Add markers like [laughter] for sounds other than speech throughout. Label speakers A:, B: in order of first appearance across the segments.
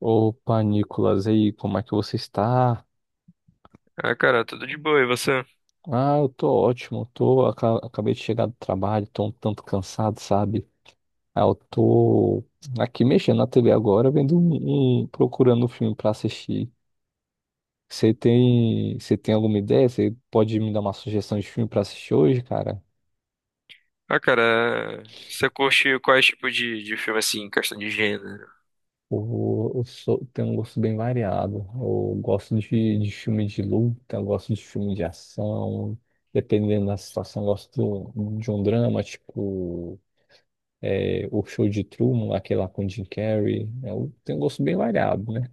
A: Opa, Nicolas, e aí, como é que você está?
B: Ah, cara, tudo de boa, e você?
A: Ah, eu tô ótimo, acabei de chegar do trabalho, tô um tanto cansado, sabe? Ah, eu tô aqui mexendo na TV agora, vendo procurando um filme pra assistir. Você tem alguma ideia? Você pode me dar uma sugestão de filme pra assistir hoje, cara?
B: Ah, cara, você curte quais tipos de filme, assim, em questão de gênero?
A: Tenho um gosto bem variado. Eu gosto de filme de luta, eu gosto de filme de ação, dependendo da situação, eu gosto de um drama, tipo. É, o show de Truman, aquele lá com o Jim Carrey. Tem um gosto bem variado, né?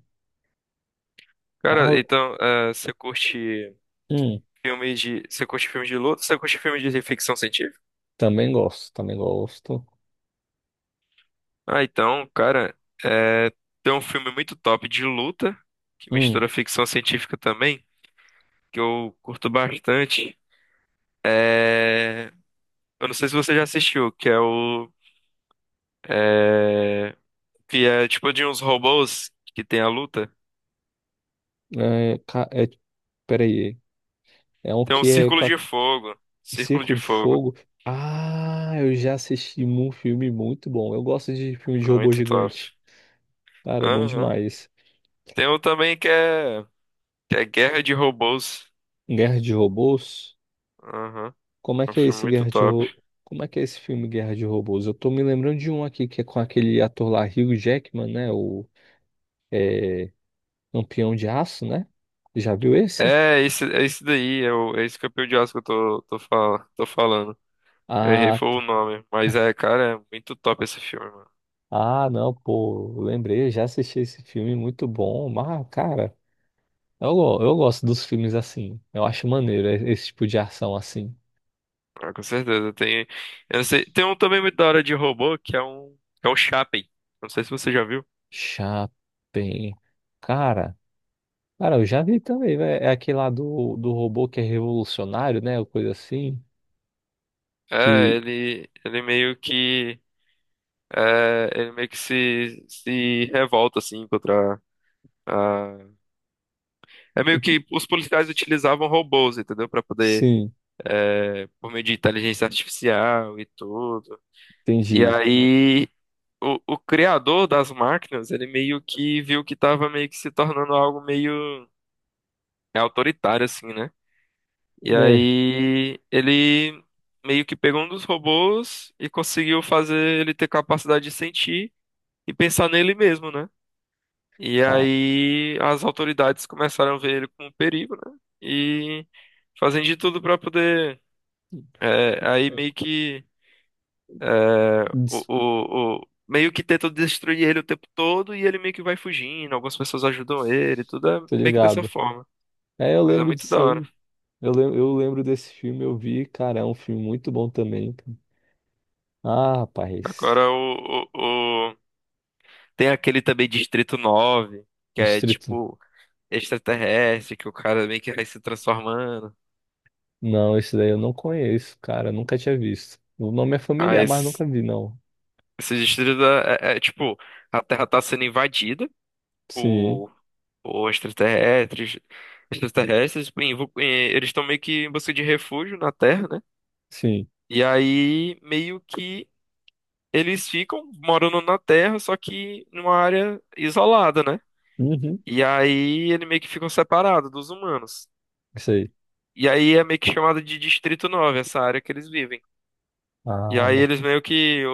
B: Cara,
A: Arro-
B: então,
A: Hum,
B: Você curte filme de luta? Você curte filme de ficção científica?
A: também gosto, também gosto.
B: Ah, então, cara, eh, tem um filme muito top de luta, que
A: Hum,
B: mistura ficção científica também, que eu curto bastante. É... Eu não sei se você já assistiu, eh, que é tipo de uns robôs que tem a luta.
A: é, peraí. É um
B: Tem um
A: que é
B: Círculo
A: com a-
B: de Fogo. Círculo
A: Círculo
B: de
A: de
B: Fogo.
A: Fogo. Ah, eu já assisti um filme muito bom. Eu gosto de filme de robô
B: Muito top.
A: gigante. Cara, é bom
B: Aham.
A: demais.
B: Tem um também que é Guerra de Robôs.
A: Guerra de Robôs?
B: Aham.
A: Como é
B: É um
A: que é
B: filme
A: esse
B: muito
A: Guerra de
B: top.
A: Ro- Como é que é esse filme Guerra de Robôs? Eu tô me lembrando de um aqui que é com aquele ator lá, Hugh Jackman, né? É, Lampião de Aço, né? Já viu esse?
B: É esse daí, é esse campeão de Oscar que eu tô falando. Eu errei
A: Ah,
B: foi o
A: tá. [laughs]
B: nome. Mas
A: Ca-
B: é, cara, é muito top esse filme, mano.
A: Ah, não, pô, lembrei, eu já assisti esse filme, muito bom. Mas, cara, eu gosto dos filmes assim. Eu acho maneiro esse tipo de ação assim.
B: Ah, com certeza. Tem, eu não sei, tem um também muito da hora de robô, que é um, que é o Chappie. Não sei se você já viu.
A: Chapem. Cara, cara, eu já vi também, velho. É aquele lá do robô que é revolucionário, né? Ou coisa assim.
B: É,
A: Que,
B: ele meio que. É, ele meio que se revolta, assim, contra a... É meio que os policiais utilizavam robôs, entendeu? Pra poder,
A: sim,
B: por meio de inteligência artificial e tudo. E
A: entendi.
B: aí, o criador das máquinas, ele meio que viu que tava meio que se tornando algo meio autoritário, assim, né? E
A: Né,
B: aí, ele meio que pegou um dos robôs e conseguiu fazer ele ter capacidade de sentir e pensar nele mesmo, né? E
A: cara,
B: aí as autoridades começaram a ver ele como um perigo, né? E fazem de tudo para poder, aí meio que é, meio que tentam destruir ele o tempo todo e ele meio que vai fugindo. Algumas pessoas ajudam ele, tudo é
A: tô
B: meio que dessa
A: ligado.
B: forma.
A: É, eu
B: Mas é
A: lembro
B: muito da
A: disso
B: hora.
A: aí. Eu lembro desse filme, eu vi, cara, é um filme muito bom também, cara. Ah, rapaz.
B: Agora tem aquele também Distrito Nove, que é
A: Distrito.
B: tipo extraterrestre, que o cara meio que vai se transformando.
A: Não, esse daí eu não conheço, cara, nunca tinha visto. O nome é
B: Ah,
A: familiar, mas
B: esse.
A: nunca vi, não.
B: Esse distrito é, tipo, a Terra tá sendo invadida
A: Sim,
B: por, por extraterrestres, e eles estão meio que em busca de refúgio na Terra, né?
A: sim.
B: E aí, meio que eles ficam morando na Terra, só que numa área isolada, né?
A: Uhum.
B: E aí, ele meio que ficam separados dos humanos.
A: Isso aí.
B: E aí, é meio que chamado de Distrito Nove, essa área que eles vivem. E
A: Ah,
B: aí,
A: bom.
B: eles meio que...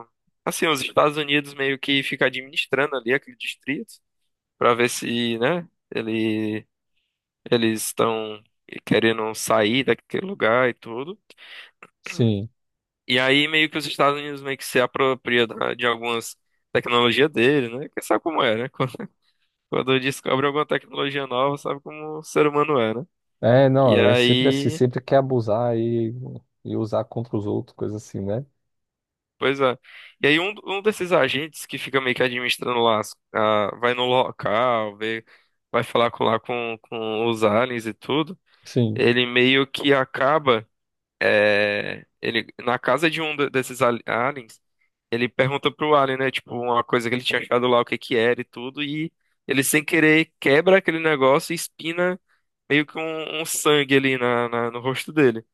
B: o- o- assim, os Estados Unidos meio que fica administrando ali aquele distrito, para ver se, né, ele, eles estão querendo sair daquele lugar e tudo.
A: Sim.
B: E aí meio que os Estados Unidos meio que se apropria de algumas tecnologias dele, né? Porque sabe como é, né? [laughs] Quando, quando descobre alguma tecnologia nova, sabe como o ser humano é, né?
A: É,
B: E
A: não, é sempre assim,
B: aí,
A: sempre quer abusar e usar contra os outros, coisa assim, né?
B: pois é. E aí um desses agentes que fica meio que administrando lá, vai no local, vê, vai falar com, lá com os aliens e tudo,
A: Sim,
B: ele meio que acaba. É, ele, na casa de um desses aliens, ele pergunta pro alien, né? Tipo, uma coisa que ele tinha achado lá, o que que era e tudo, e ele sem querer quebra aquele negócio e espina meio que um sangue ali no rosto dele.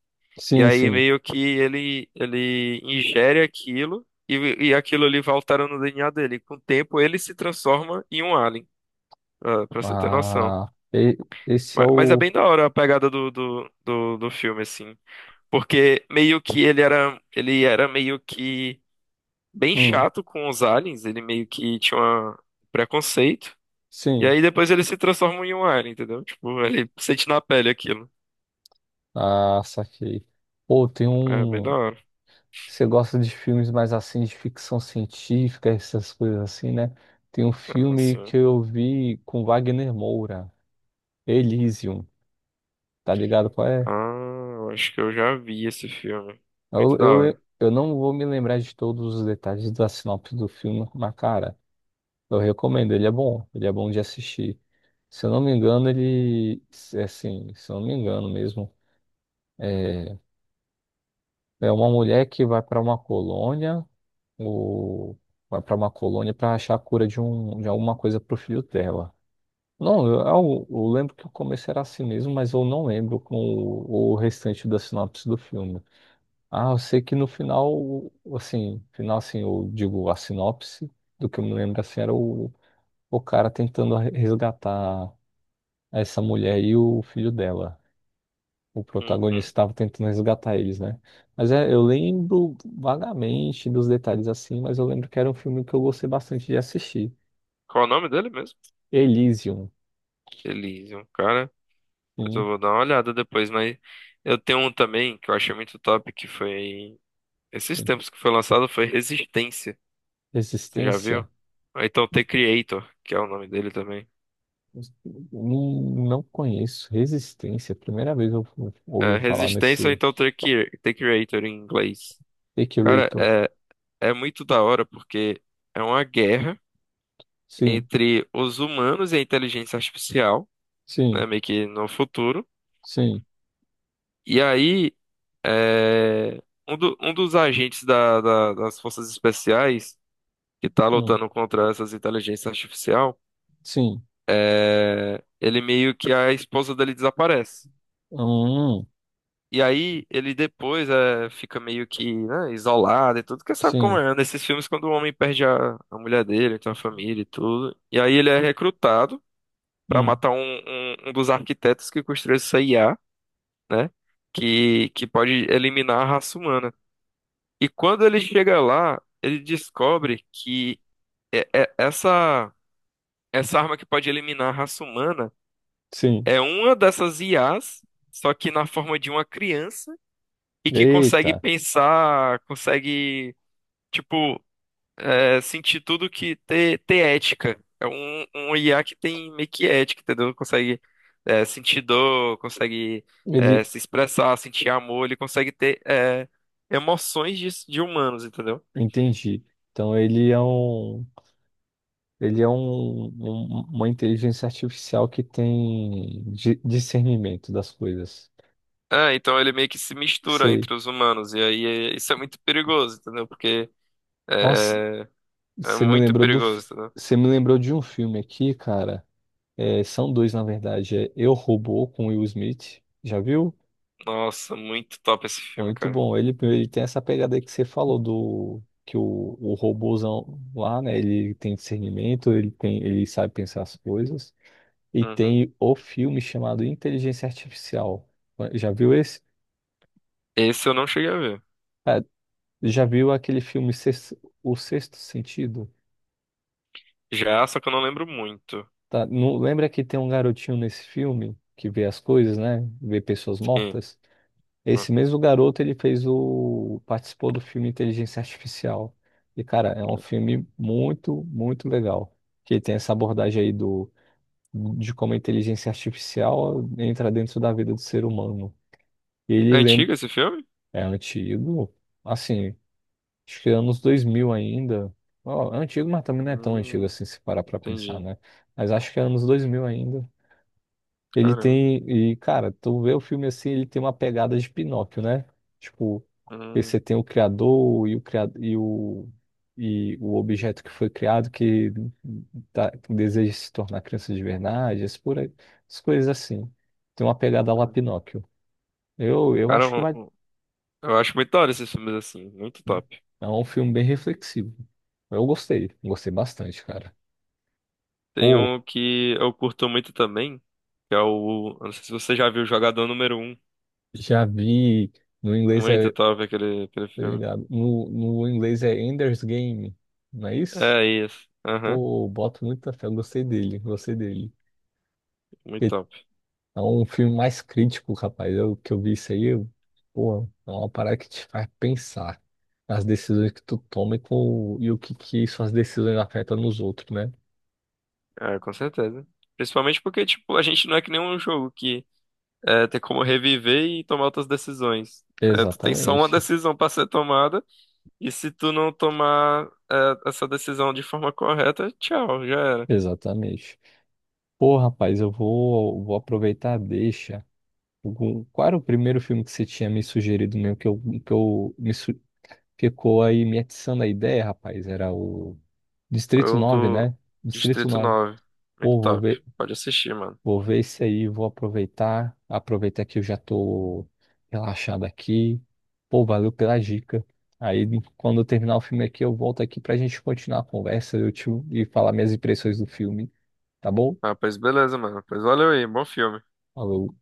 B: E
A: sim,
B: aí
A: sim.
B: meio que ele ingere aquilo e aquilo ali vai alterando no DNA dele. Com o tempo ele se transforma em um alien, ah, pra você ter noção.
A: Ah, e- esse é
B: Mas é
A: o.
B: bem da hora a pegada do filme, assim. Porque meio que ele era meio que bem
A: Hum,
B: chato com os aliens, ele meio que tinha um preconceito. E
A: sim.
B: aí depois ele se transforma em um alien, entendeu? Tipo, ele sente na pele aquilo.
A: Ah, saquei. Pô, tem
B: É bem da
A: um.
B: hora.
A: Você gosta de filmes mais assim, de ficção científica, essas coisas assim, né? Tem um
B: Ah,
A: filme
B: sim.
A: que eu vi com Wagner Moura, Elysium, tá ligado qual
B: Ah,
A: é?
B: eu acho que eu já vi esse filme. Muito da hora.
A: Eu não vou me lembrar de todos os detalhes da sinopse do filme, mas cara, eu recomendo, ele é bom de assistir. Se eu não me engano, se eu não me engano mesmo. É, É uma mulher que vai para uma colônia, ou vai para uma colônia para achar a cura de alguma coisa para o filho dela. Não, eu lembro que o começo era assim mesmo, mas eu não lembro com o restante da sinopse do filme. Ah, eu sei que no final assim, eu digo a sinopse, do que eu me lembro assim, era o cara tentando resgatar essa mulher e o filho dela, o protagonista
B: Uhum.
A: estava tentando resgatar eles, né? Mas é, eu lembro vagamente dos detalhes assim, mas eu lembro que era um filme que eu gostei bastante de assistir.
B: Qual o nome dele mesmo?
A: Elysium,
B: Elysium, cara. Mas eu
A: sim.
B: vou dar uma olhada depois, mas eu tenho um também que eu achei muito top, que foi esses tempos que foi lançado, foi Resistência. Você já viu?
A: Resistência,
B: Ou então The Creator, que é o nome dele também.
A: não, não conheço. Resistência, primeira vez
B: É,
A: ouvi falar
B: Resistência ou
A: nesse
B: então The Creator em inglês. Cara,
A: Equirator.
B: é muito da hora porque é uma guerra
A: Sim,
B: entre os humanos e a inteligência artificial,
A: sim,
B: né, meio que no futuro.
A: sim,
B: E aí, é, um dos agentes das forças especiais que tá
A: hum,
B: lutando contra essas inteligências artificial,
A: sim,
B: ele meio que a esposa dele desaparece.
A: hum,
B: E aí ele depois, fica meio que, né, isolado e tudo, porque sabe como
A: sim,
B: é, nesses filmes quando o homem perde a mulher dele, tem uma família e tudo. E aí ele é recrutado pra
A: hum,
B: matar um dos arquitetos que construiu essa IA, né, que pode eliminar a raça humana. E quando ele chega lá, ele descobre que é- é- essa, essa arma que pode eliminar a raça humana
A: sim.
B: é uma dessas IAs, só que na forma de uma criança e que consegue
A: Eita,
B: pensar, consegue, tipo, sentir tudo que ter, ética. É um IA que tem meio que ética, entendeu? Consegue, sentir dor, consegue,
A: ele,
B: se expressar, sentir amor, ele consegue ter, emoções de humanos, entendeu?
A: entendi. Então ele é um, uma inteligência artificial que tem discernimento das coisas.
B: É, então ele meio que se mistura
A: Sei.
B: entre os humanos, e aí isso é muito perigoso, entendeu? Porque
A: Nossa,
B: é, é
A: você me
B: muito
A: lembrou
B: perigoso, entendeu?
A: você me lembrou de um filme aqui, cara. É, são dois, na verdade. É Eu, Robô, com Will Smith. Já viu?
B: Nossa, muito top esse filme,
A: Muito
B: cara.
A: bom. Ele tem essa pegada aí que você falou do que o robôzão lá, né? Ele tem discernimento, ele tem, ele sabe pensar as coisas. E
B: Uhum.
A: tem o filme chamado Inteligência Artificial. Já viu esse?
B: Esse eu não cheguei a ver.
A: É, Já viu aquele filme Sex- O Sexto Sentido?
B: Já, só que eu não lembro muito.
A: Tá? Não, lembra que tem um garotinho nesse filme que vê as coisas, né? Vê pessoas
B: Sim.
A: mortas?
B: Ó.
A: Esse mesmo garoto, ele fez o... participou do filme Inteligência Artificial. E, cara, é um filme muito, muito legal. Que tem essa abordagem aí do... de como a inteligência artificial entra dentro da vida do ser humano. E
B: É
A: ele lembra...
B: antigo esse filme?
A: É antigo, assim... Acho que é anos 2000 ainda. Ó, é antigo, mas também não é tão antigo
B: Hum,
A: assim, se parar pra pensar,
B: entendi.
A: né? Mas acho que é anos 2000 ainda. Ele
B: Caramba.
A: tem. E, cara, tu vê o filme assim, ele tem uma pegada de Pinóquio, né? Tipo, aí
B: Hum,
A: você tem o criador criado, e o objeto que foi criado que que deseja se tornar criança de verdade, as, por aí, as coisas assim. Tem uma pegada lá
B: hum.
A: Pinóquio. Eu
B: Cara,
A: acho que vai.
B: eu acho muito da hora esses filmes assim, muito
A: Né?
B: top.
A: É um filme bem reflexivo. Eu gostei, gostei bastante, cara.
B: Tem
A: Pô,
B: um que eu curto muito também. Que é o. Eu não sei se você já viu o Jogador Número Um.
A: já vi. No inglês é.
B: Muito top aquele
A: Tá
B: filme.
A: ligado? No inglês é Ender's Game, não é isso?
B: É isso. Aham,
A: Pô, eu boto muita fé. Eu gostei dele, gostei dele.
B: muito
A: Porque
B: top.
A: é um filme mais crítico, rapaz. Eu que eu vi isso aí, eu, pô, é uma parada que te faz pensar nas decisões que tu toma e o que, que suas decisões afetam nos outros, né?
B: É, com certeza. Principalmente porque, tipo, a gente não é que nem um jogo que, tem como reviver e tomar outras decisões. É, tu tem só uma
A: Exatamente,
B: decisão pra ser tomada. E se tu não tomar, essa decisão de forma correta, tchau, já era.
A: exatamente. Pô, rapaz, vou aproveitar a deixa. Qual era o primeiro filme que você tinha me sugerido mesmo, que eu me su- ficou aí me atiçando a ideia, rapaz? Era o Distrito
B: Eu
A: 9,
B: do
A: né? Distrito
B: Distrito
A: 9.
B: Nove. Muito
A: Pô,
B: top. Pode assistir, mano.
A: vou ver esse aí, vou aproveitar. Aproveitar que eu já tô relaxado aqui. Pô, valeu pela dica. Aí, quando eu terminar o filme aqui, eu volto aqui pra gente continuar a conversa, e falar minhas impressões do filme, tá bom?
B: Ah, pois beleza, mano. Pois valeu aí, bom filme.
A: Falou.